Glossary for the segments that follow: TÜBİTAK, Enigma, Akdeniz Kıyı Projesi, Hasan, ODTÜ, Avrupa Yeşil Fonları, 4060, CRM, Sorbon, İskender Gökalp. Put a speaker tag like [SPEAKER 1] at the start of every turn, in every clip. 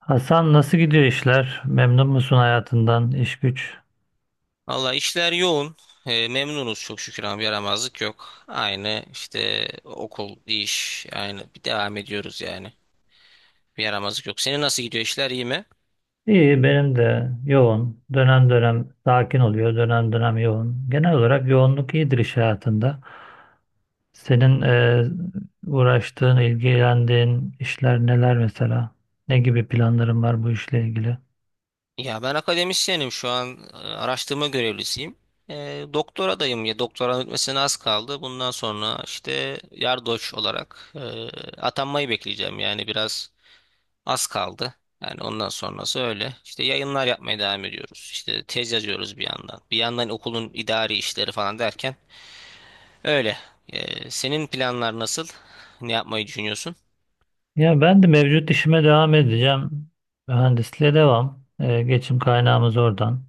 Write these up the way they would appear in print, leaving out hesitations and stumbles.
[SPEAKER 1] Hasan, nasıl gidiyor işler? Memnun musun hayatından, iş güç?
[SPEAKER 2] Valla işler yoğun. Memnunuz çok şükür ama yaramazlık yok. Aynı işte okul, iş, aynı bir devam ediyoruz yani. Bir yaramazlık yok. Senin nasıl gidiyor işler iyi mi?
[SPEAKER 1] İyi, benim de yoğun. Dönem dönem sakin oluyor, dönem dönem yoğun. Genel olarak yoğunluk iyidir iş hayatında. Senin uğraştığın, ilgilendiğin işler neler mesela? Ne gibi planların var bu işle ilgili?
[SPEAKER 2] Ya ben akademisyenim şu an, araştırma görevlisiyim. Doktoradayım ya doktoranın bitmesine az kaldı. Bundan sonra işte yardoç olarak atanmayı bekleyeceğim yani biraz az kaldı. Yani ondan sonrası öyle. İşte yayınlar yapmaya devam ediyoruz. İşte tez yazıyoruz bir yandan. Bir yandan okulun idari işleri falan derken öyle. Senin planlar nasıl? Ne yapmayı düşünüyorsun?
[SPEAKER 1] Ya ben de mevcut işime devam edeceğim. Mühendisliğe devam. Geçim kaynağımız oradan.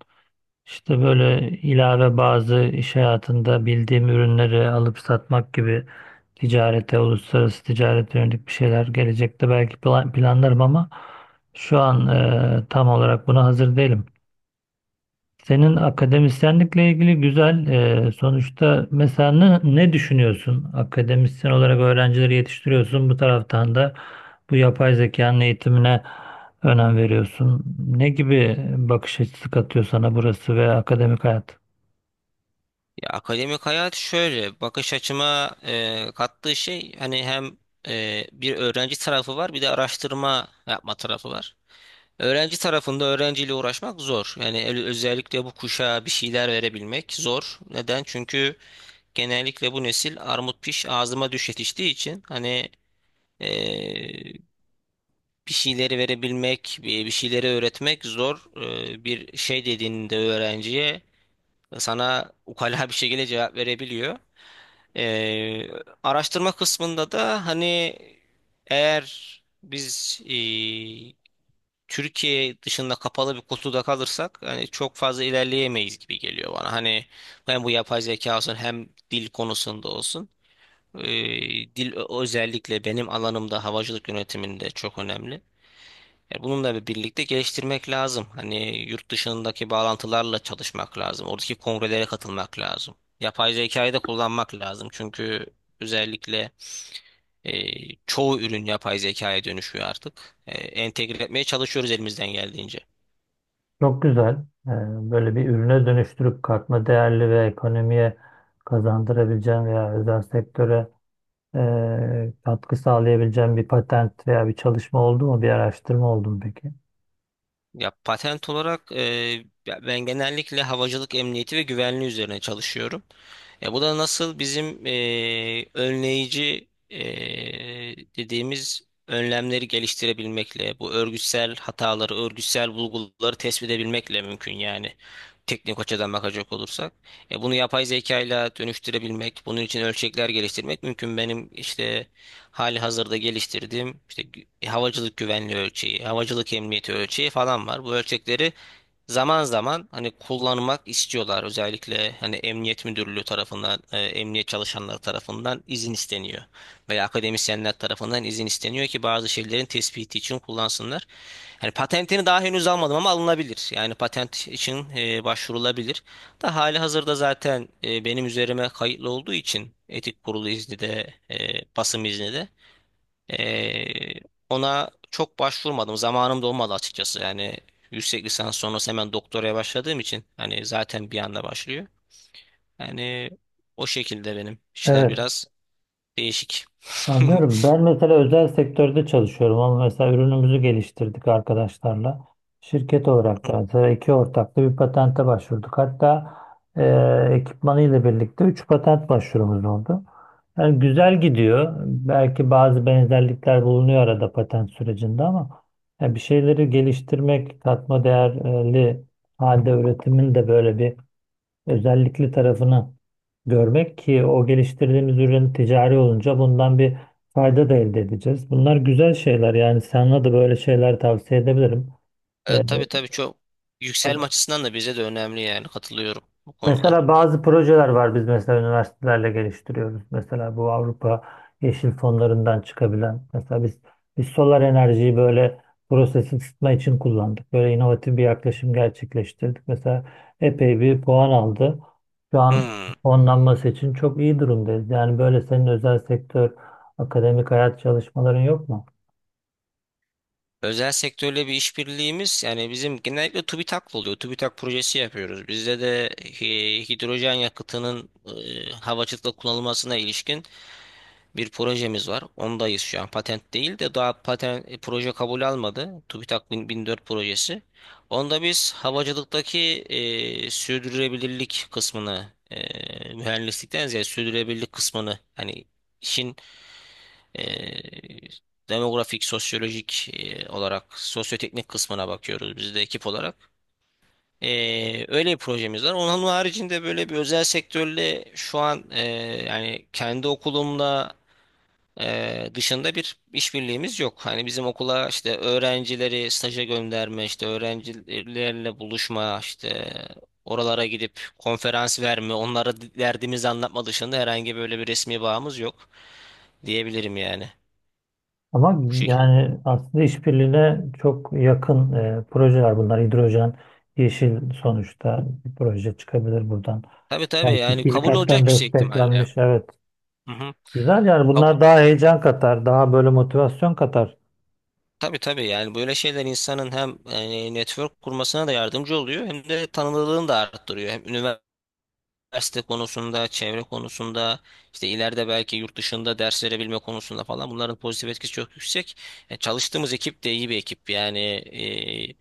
[SPEAKER 1] İşte böyle ilave bazı iş hayatında bildiğim ürünleri alıp satmak gibi ticarete, uluslararası ticarete yönelik bir şeyler gelecekte belki planlarım ama şu an tam olarak buna hazır değilim. Senin akademisyenlikle ilgili güzel, sonuçta mesela ne düşünüyorsun? Akademisyen olarak öğrencileri yetiştiriyorsun. Bu taraftan da bu yapay zekanın eğitimine önem veriyorsun. Ne gibi bakış açısı katıyor sana burası ve akademik hayat?
[SPEAKER 2] Ya akademik hayat şöyle bakış açıma kattığı şey hani hem bir öğrenci tarafı var bir de araştırma yapma tarafı var. Öğrenci tarafında öğrenciyle uğraşmak zor. Yani özellikle bu kuşağa bir şeyler verebilmek zor. Neden? Çünkü genellikle bu nesil armut piş ağzıma düş yetiştiği için hani, eee, bir şeyleri verebilmek, bir şeyleri öğretmek zor. Bir şey dediğinde öğrenciye sana ukala bir şekilde cevap verebiliyor. Eee, Araştırma kısmında da hani eğer biz, Türkiye dışında kapalı bir kutuda kalırsak hani çok fazla ilerleyemeyiz gibi geliyor bana. Hani hem bu yapay zeka olsun hem dil konusunda olsun. Dil özellikle benim alanımda havacılık yönetiminde çok önemli. E, bununla birlikte geliştirmek lazım. Hani yurt dışındaki bağlantılarla çalışmak lazım. Oradaki kongrelere katılmak lazım. Yapay zekayı da kullanmak lazım. Çünkü özellikle e, çoğu ürün yapay zekaya dönüşüyor artık. E, entegre etmeye çalışıyoruz elimizden geldiğince.
[SPEAKER 1] Çok güzel. Ee, Böyle bir ürüne dönüştürüp katma değerli ve ekonomiye kazandırabileceğin veya özel sektöre katkı sağlayabileceğin bir patent veya bir çalışma oldu mu? Bir araştırma oldu mu peki?
[SPEAKER 2] Ya patent olarak ya ben genellikle havacılık emniyeti ve güvenliği üzerine çalışıyorum. E, bu da nasıl bizim önleyici dediğimiz önlemleri geliştirebilmekle, bu örgütsel hataları, örgütsel bulguları tespit edebilmekle mümkün yani teknik açıdan bakacak olursak. E, bunu yapay zekayla dönüştürebilmek, bunun için ölçekler geliştirmek mümkün. Benim işte hali hazırda geliştirdiğim işte havacılık güvenliği ölçeği, havacılık emniyeti ölçeği falan var. Bu ölçekleri zaman zaman hani kullanmak istiyorlar. Özellikle hani emniyet müdürlüğü tarafından, emniyet çalışanları tarafından izin isteniyor. Veya akademisyenler tarafından izin isteniyor ki bazı şeylerin tespiti için kullansınlar. Yani patentini daha henüz almadım ama alınabilir. Yani patent için başvurulabilir. Da hali hazırda zaten benim üzerime kayıtlı olduğu için etik kurulu izni de basım izni de. Ee, Ona çok başvurmadım. Zamanım da olmadı açıkçası. Yani yüksek lisans sonrası hemen doktoraya başladığım için hani zaten bir anda başlıyor. Yani o şekilde benim işler
[SPEAKER 1] Evet.
[SPEAKER 2] biraz değişik.
[SPEAKER 1] Anlıyorum. Ben mesela özel sektörde çalışıyorum ama mesela ürünümüzü geliştirdik arkadaşlarla. Şirket olarak da mesela iki ortaklı bir patente başvurduk. Hatta ekipmanıyla birlikte üç patent başvurumuz oldu. Yani güzel gidiyor. Belki bazı benzerlikler bulunuyor arada patent sürecinde ama yani bir şeyleri geliştirmek, katma değerli halde üretimin de böyle bir özellikli tarafını görmek ki o geliştirdiğimiz ürün ticari olunca bundan bir fayda da elde edeceğiz. Bunlar güzel şeyler yani sana da böyle şeyler tavsiye edebilirim.
[SPEAKER 2] E,
[SPEAKER 1] Ee,
[SPEAKER 2] tabii tabii çok yükselme açısından da bize de önemli yani katılıyorum bu konuda.
[SPEAKER 1] Mesela bazı projeler var biz mesela üniversitelerle geliştiriyoruz. Mesela bu Avrupa Yeşil Fonlarından çıkabilen. Mesela biz solar enerjiyi böyle proses ısıtma için kullandık. Böyle inovatif bir yaklaşım gerçekleştirdik. Mesela epey bir puan aldı. Şu an
[SPEAKER 2] Hmm.
[SPEAKER 1] fonlanması için çok iyi durumdayız. Yani böyle senin özel sektör, akademik hayat çalışmaların yok mu?
[SPEAKER 2] Özel sektörle bir işbirliğimiz yani bizim genellikle TÜBİTAK'la oluyor. TÜBİTAK projesi yapıyoruz. Bizde de hidrojen yakıtının havacılıkta kullanılmasına ilişkin bir projemiz var. Ondayız şu an. Patent değil de daha patent proje kabul almadı. TÜBİTAK 1000 1004 projesi. Onda biz havacılıktaki sürdürülebilirlik kısmını mühendislikten ziyade sürdürülebilirlik kısmını hani işin, e, demografik, sosyolojik olarak sosyoteknik kısmına bakıyoruz biz de ekip olarak. E, öyle bir projemiz var. Onun haricinde böyle bir özel sektörle şu an, yani kendi okulumla dışında bir işbirliğimiz yok. Hani bizim okula işte öğrencileri staja gönderme, işte öğrencilerle buluşma, işte oralara gidip konferans verme, onlara derdimizi anlatma dışında herhangi böyle bir resmi bağımız yok diyebilirim yani.
[SPEAKER 1] Ama
[SPEAKER 2] Bu şekilde.
[SPEAKER 1] yani aslında işbirliğine çok yakın projeler bunlar. Hidrojen yeşil sonuçta bir proje çıkabilir buradan.
[SPEAKER 2] Tabii tabii
[SPEAKER 1] Yani
[SPEAKER 2] yani kabul olacak
[SPEAKER 1] TÜBİTAK'tan
[SPEAKER 2] bir şey ihtimalle.
[SPEAKER 1] desteklenmiş, evet.
[SPEAKER 2] Hı hı.
[SPEAKER 1] Güzel yani
[SPEAKER 2] Kab-
[SPEAKER 1] bunlar daha heyecan katar, daha böyle motivasyon katar.
[SPEAKER 2] Tabii tabii yani böyle şeyler insanın hem yani network kurmasına da yardımcı oluyor hem de tanınırlığını da arttırıyor. Hem üniversite konusunda, çevre konusunda, işte ileride belki yurt dışında ders verebilme konusunda falan bunların pozitif etkisi çok yüksek. E, çalıştığımız ekip de iyi bir ekip. Yani e,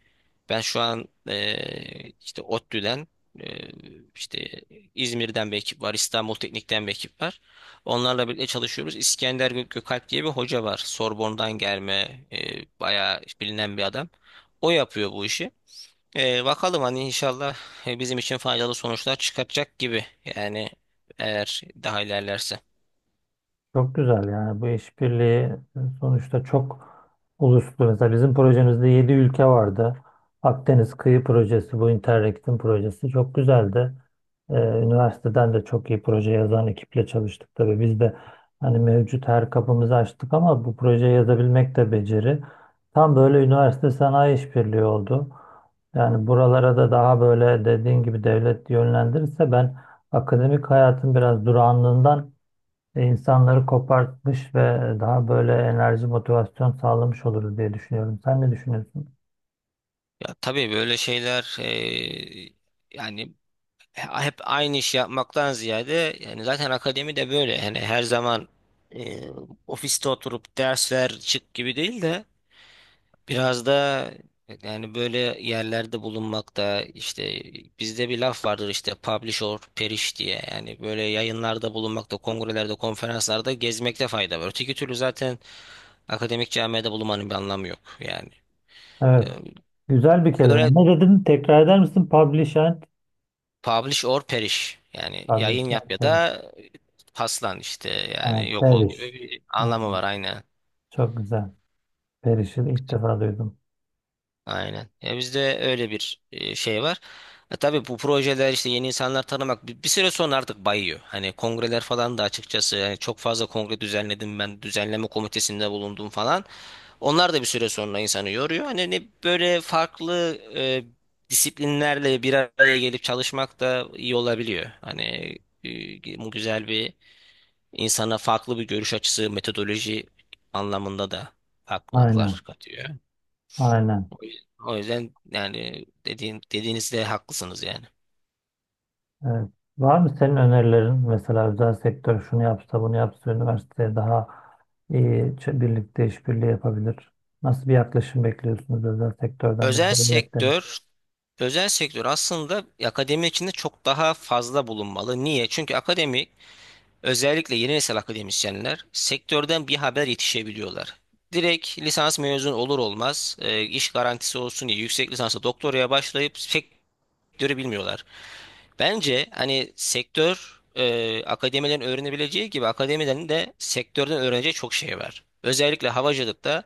[SPEAKER 2] ben şu an, işte ODTÜ'den, e, işte İzmir'den bir ekip var, İstanbul Teknik'ten bir ekip var. Onlarla birlikte çalışıyoruz. İskender Gökalp diye bir hoca var. Sorbon'dan gelme, bayağı bilinen bir adam. O yapıyor bu işi. Bakalım hani inşallah bizim için faydalı sonuçlar çıkartacak gibi. Yani eğer daha ilerlerse.
[SPEAKER 1] Çok güzel yani bu işbirliği sonuçta çok uluslu. Mesela bizim projemizde 7 ülke vardı. Akdeniz Kıyı Projesi, bu Interreg'in projesi çok güzeldi. Üniversiteden de çok iyi proje yazan ekiple çalıştık tabii. Biz de hani mevcut her kapımızı açtık ama bu projeyi yazabilmek de beceri. Tam böyle üniversite sanayi işbirliği oldu. Yani buralara da daha böyle dediğin gibi devlet yönlendirirse ben akademik hayatın biraz durağanlığından insanları kopartmış ve daha böyle enerji, motivasyon sağlamış oluruz diye düşünüyorum. Sen ne düşünüyorsun?
[SPEAKER 2] Ya tabii böyle şeyler, yani hep aynı iş yapmaktan ziyade yani zaten akademi de böyle. Yani her zaman e, ofiste oturup ders ver çık gibi değil de biraz da yani böyle yerlerde bulunmakta işte bizde bir laf vardır işte publish or perish diye yani böyle yayınlarda bulunmakta, kongrelerde, konferanslarda gezmekte fayda var. Öteki türlü zaten akademik camiada bulunmanın bir anlamı yok yani. Ee,
[SPEAKER 1] Evet. Güzel bir kelime.
[SPEAKER 2] Böyle
[SPEAKER 1] Ne dedin? Tekrar eder misin? Publish and...
[SPEAKER 2] publish or perish yani
[SPEAKER 1] Publish
[SPEAKER 2] yayın yap ya
[SPEAKER 1] and...
[SPEAKER 2] da paslan işte
[SPEAKER 1] Ha,
[SPEAKER 2] yani yok ol gibi
[SPEAKER 1] Periş.
[SPEAKER 2] bir anlamı
[SPEAKER 1] Aynen.
[SPEAKER 2] var aynen.
[SPEAKER 1] Çok güzel. Periş'i ilk defa duydum.
[SPEAKER 2] Aynen. Ya bizde öyle bir şey var. E, tabii bu projeler işte yeni insanlar tanımak bir, bir süre sonra artık bayıyor. Hani kongreler falan da açıkçası yani çok fazla kongre düzenledim ben düzenleme komitesinde bulundum falan. Onlar da bir süre sonra insanı yoruyor. Hani ne böyle farklı disiplinlerle bir araya gelip çalışmak da iyi olabiliyor. Hani bu güzel bir insana farklı bir görüş açısı, metodoloji anlamında da
[SPEAKER 1] Aynen.
[SPEAKER 2] farklılıklar katıyor.
[SPEAKER 1] Aynen.
[SPEAKER 2] O yüzden o yüzden yani dediğinizde haklısınız yani.
[SPEAKER 1] Evet. Var mı senin önerilerin? Mesela özel sektör şunu yapsa bunu yapsa üniversiteye daha iyi birlikte işbirliği yapabilir. Nasıl bir yaklaşım bekliyorsunuz özel sektörden ve
[SPEAKER 2] Özel
[SPEAKER 1] devletten?
[SPEAKER 2] sektör, özel sektör aslında akademi içinde çok daha fazla bulunmalı. Niye? Çünkü akademi, özellikle yeni nesil akademisyenler sektörden bir haber yetişebiliyorlar. Direkt lisans mezun olur olmaz, iş garantisi olsun diye yüksek lisansa doktoraya başlayıp sektörü bilmiyorlar. Bence hani sektör, akademilerin öğrenebileceği gibi akademilerin de sektörden öğreneceği çok şey var. Özellikle havacılıkta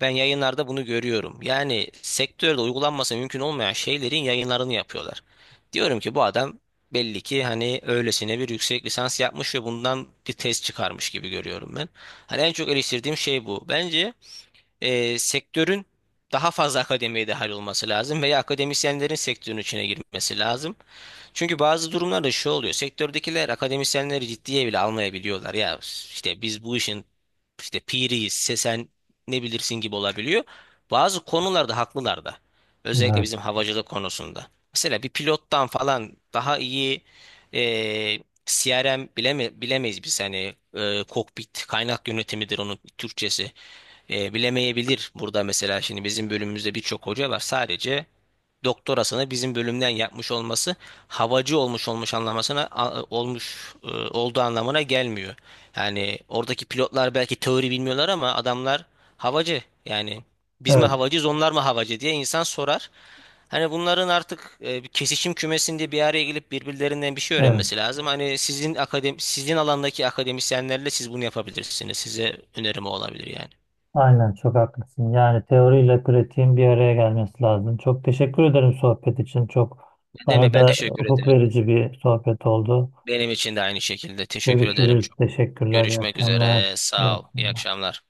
[SPEAKER 2] ben yayınlarda bunu görüyorum. Yani sektörde uygulanması mümkün olmayan şeylerin yayınlarını yapıyorlar. Diyorum ki bu adam belli ki hani öylesine bir yüksek lisans yapmış ve bundan bir tez çıkarmış gibi görüyorum ben. Hani en çok eleştirdiğim şey bu. Bence sektörün daha fazla akademiye dahil olması lazım veya akademisyenlerin sektörün içine girmesi lazım. Çünkü bazı durumlarda şu oluyor. Sektördekiler akademisyenleri ciddiye bile almayabiliyorlar. Ya işte biz bu işin işte piriyiz, sen ne bilirsin gibi olabiliyor. Bazı konularda haklılar da. Özellikle
[SPEAKER 1] Evet.
[SPEAKER 2] bizim havacılık konusunda. Mesela bir pilottan falan daha iyi e, CRM bilemeyiz biz. Hani kokpit kaynak yönetimidir onun Türkçesi. E, bilemeyebilir burada mesela şimdi bizim bölümümüzde birçok hoca var sadece doktorasını bizim bölümden yapmış olması havacı olmuş anlamasına olmuş olduğu anlamına gelmiyor. Yani oradaki pilotlar belki teori bilmiyorlar ama adamlar havacı. Yani biz mi
[SPEAKER 1] Evet.
[SPEAKER 2] havacıyız onlar mı havacı diye insan sorar. Hani bunların artık bir kesişim kümesinde bir araya gelip birbirlerinden bir şey
[SPEAKER 1] Evet.
[SPEAKER 2] öğrenmesi lazım. Hani sizin akademi sizin alandaki akademisyenlerle siz bunu yapabilirsiniz. Size önerim o olabilir yani.
[SPEAKER 1] Aynen çok haklısın. Yani teoriyle pratiğin bir araya gelmesi lazım. Çok teşekkür ederim sohbet için. Çok
[SPEAKER 2] Ne deme
[SPEAKER 1] bana
[SPEAKER 2] ben
[SPEAKER 1] da
[SPEAKER 2] teşekkür
[SPEAKER 1] hukuk
[SPEAKER 2] ederim.
[SPEAKER 1] verici bir sohbet oldu.
[SPEAKER 2] Benim için de aynı şekilde teşekkür ederim.
[SPEAKER 1] Görüşürüz. Teşekkürler. İyi
[SPEAKER 2] Görüşmek
[SPEAKER 1] akşamlar.
[SPEAKER 2] üzere.
[SPEAKER 1] İyi
[SPEAKER 2] Sağ ol. İyi
[SPEAKER 1] akşamlar.
[SPEAKER 2] akşamlar.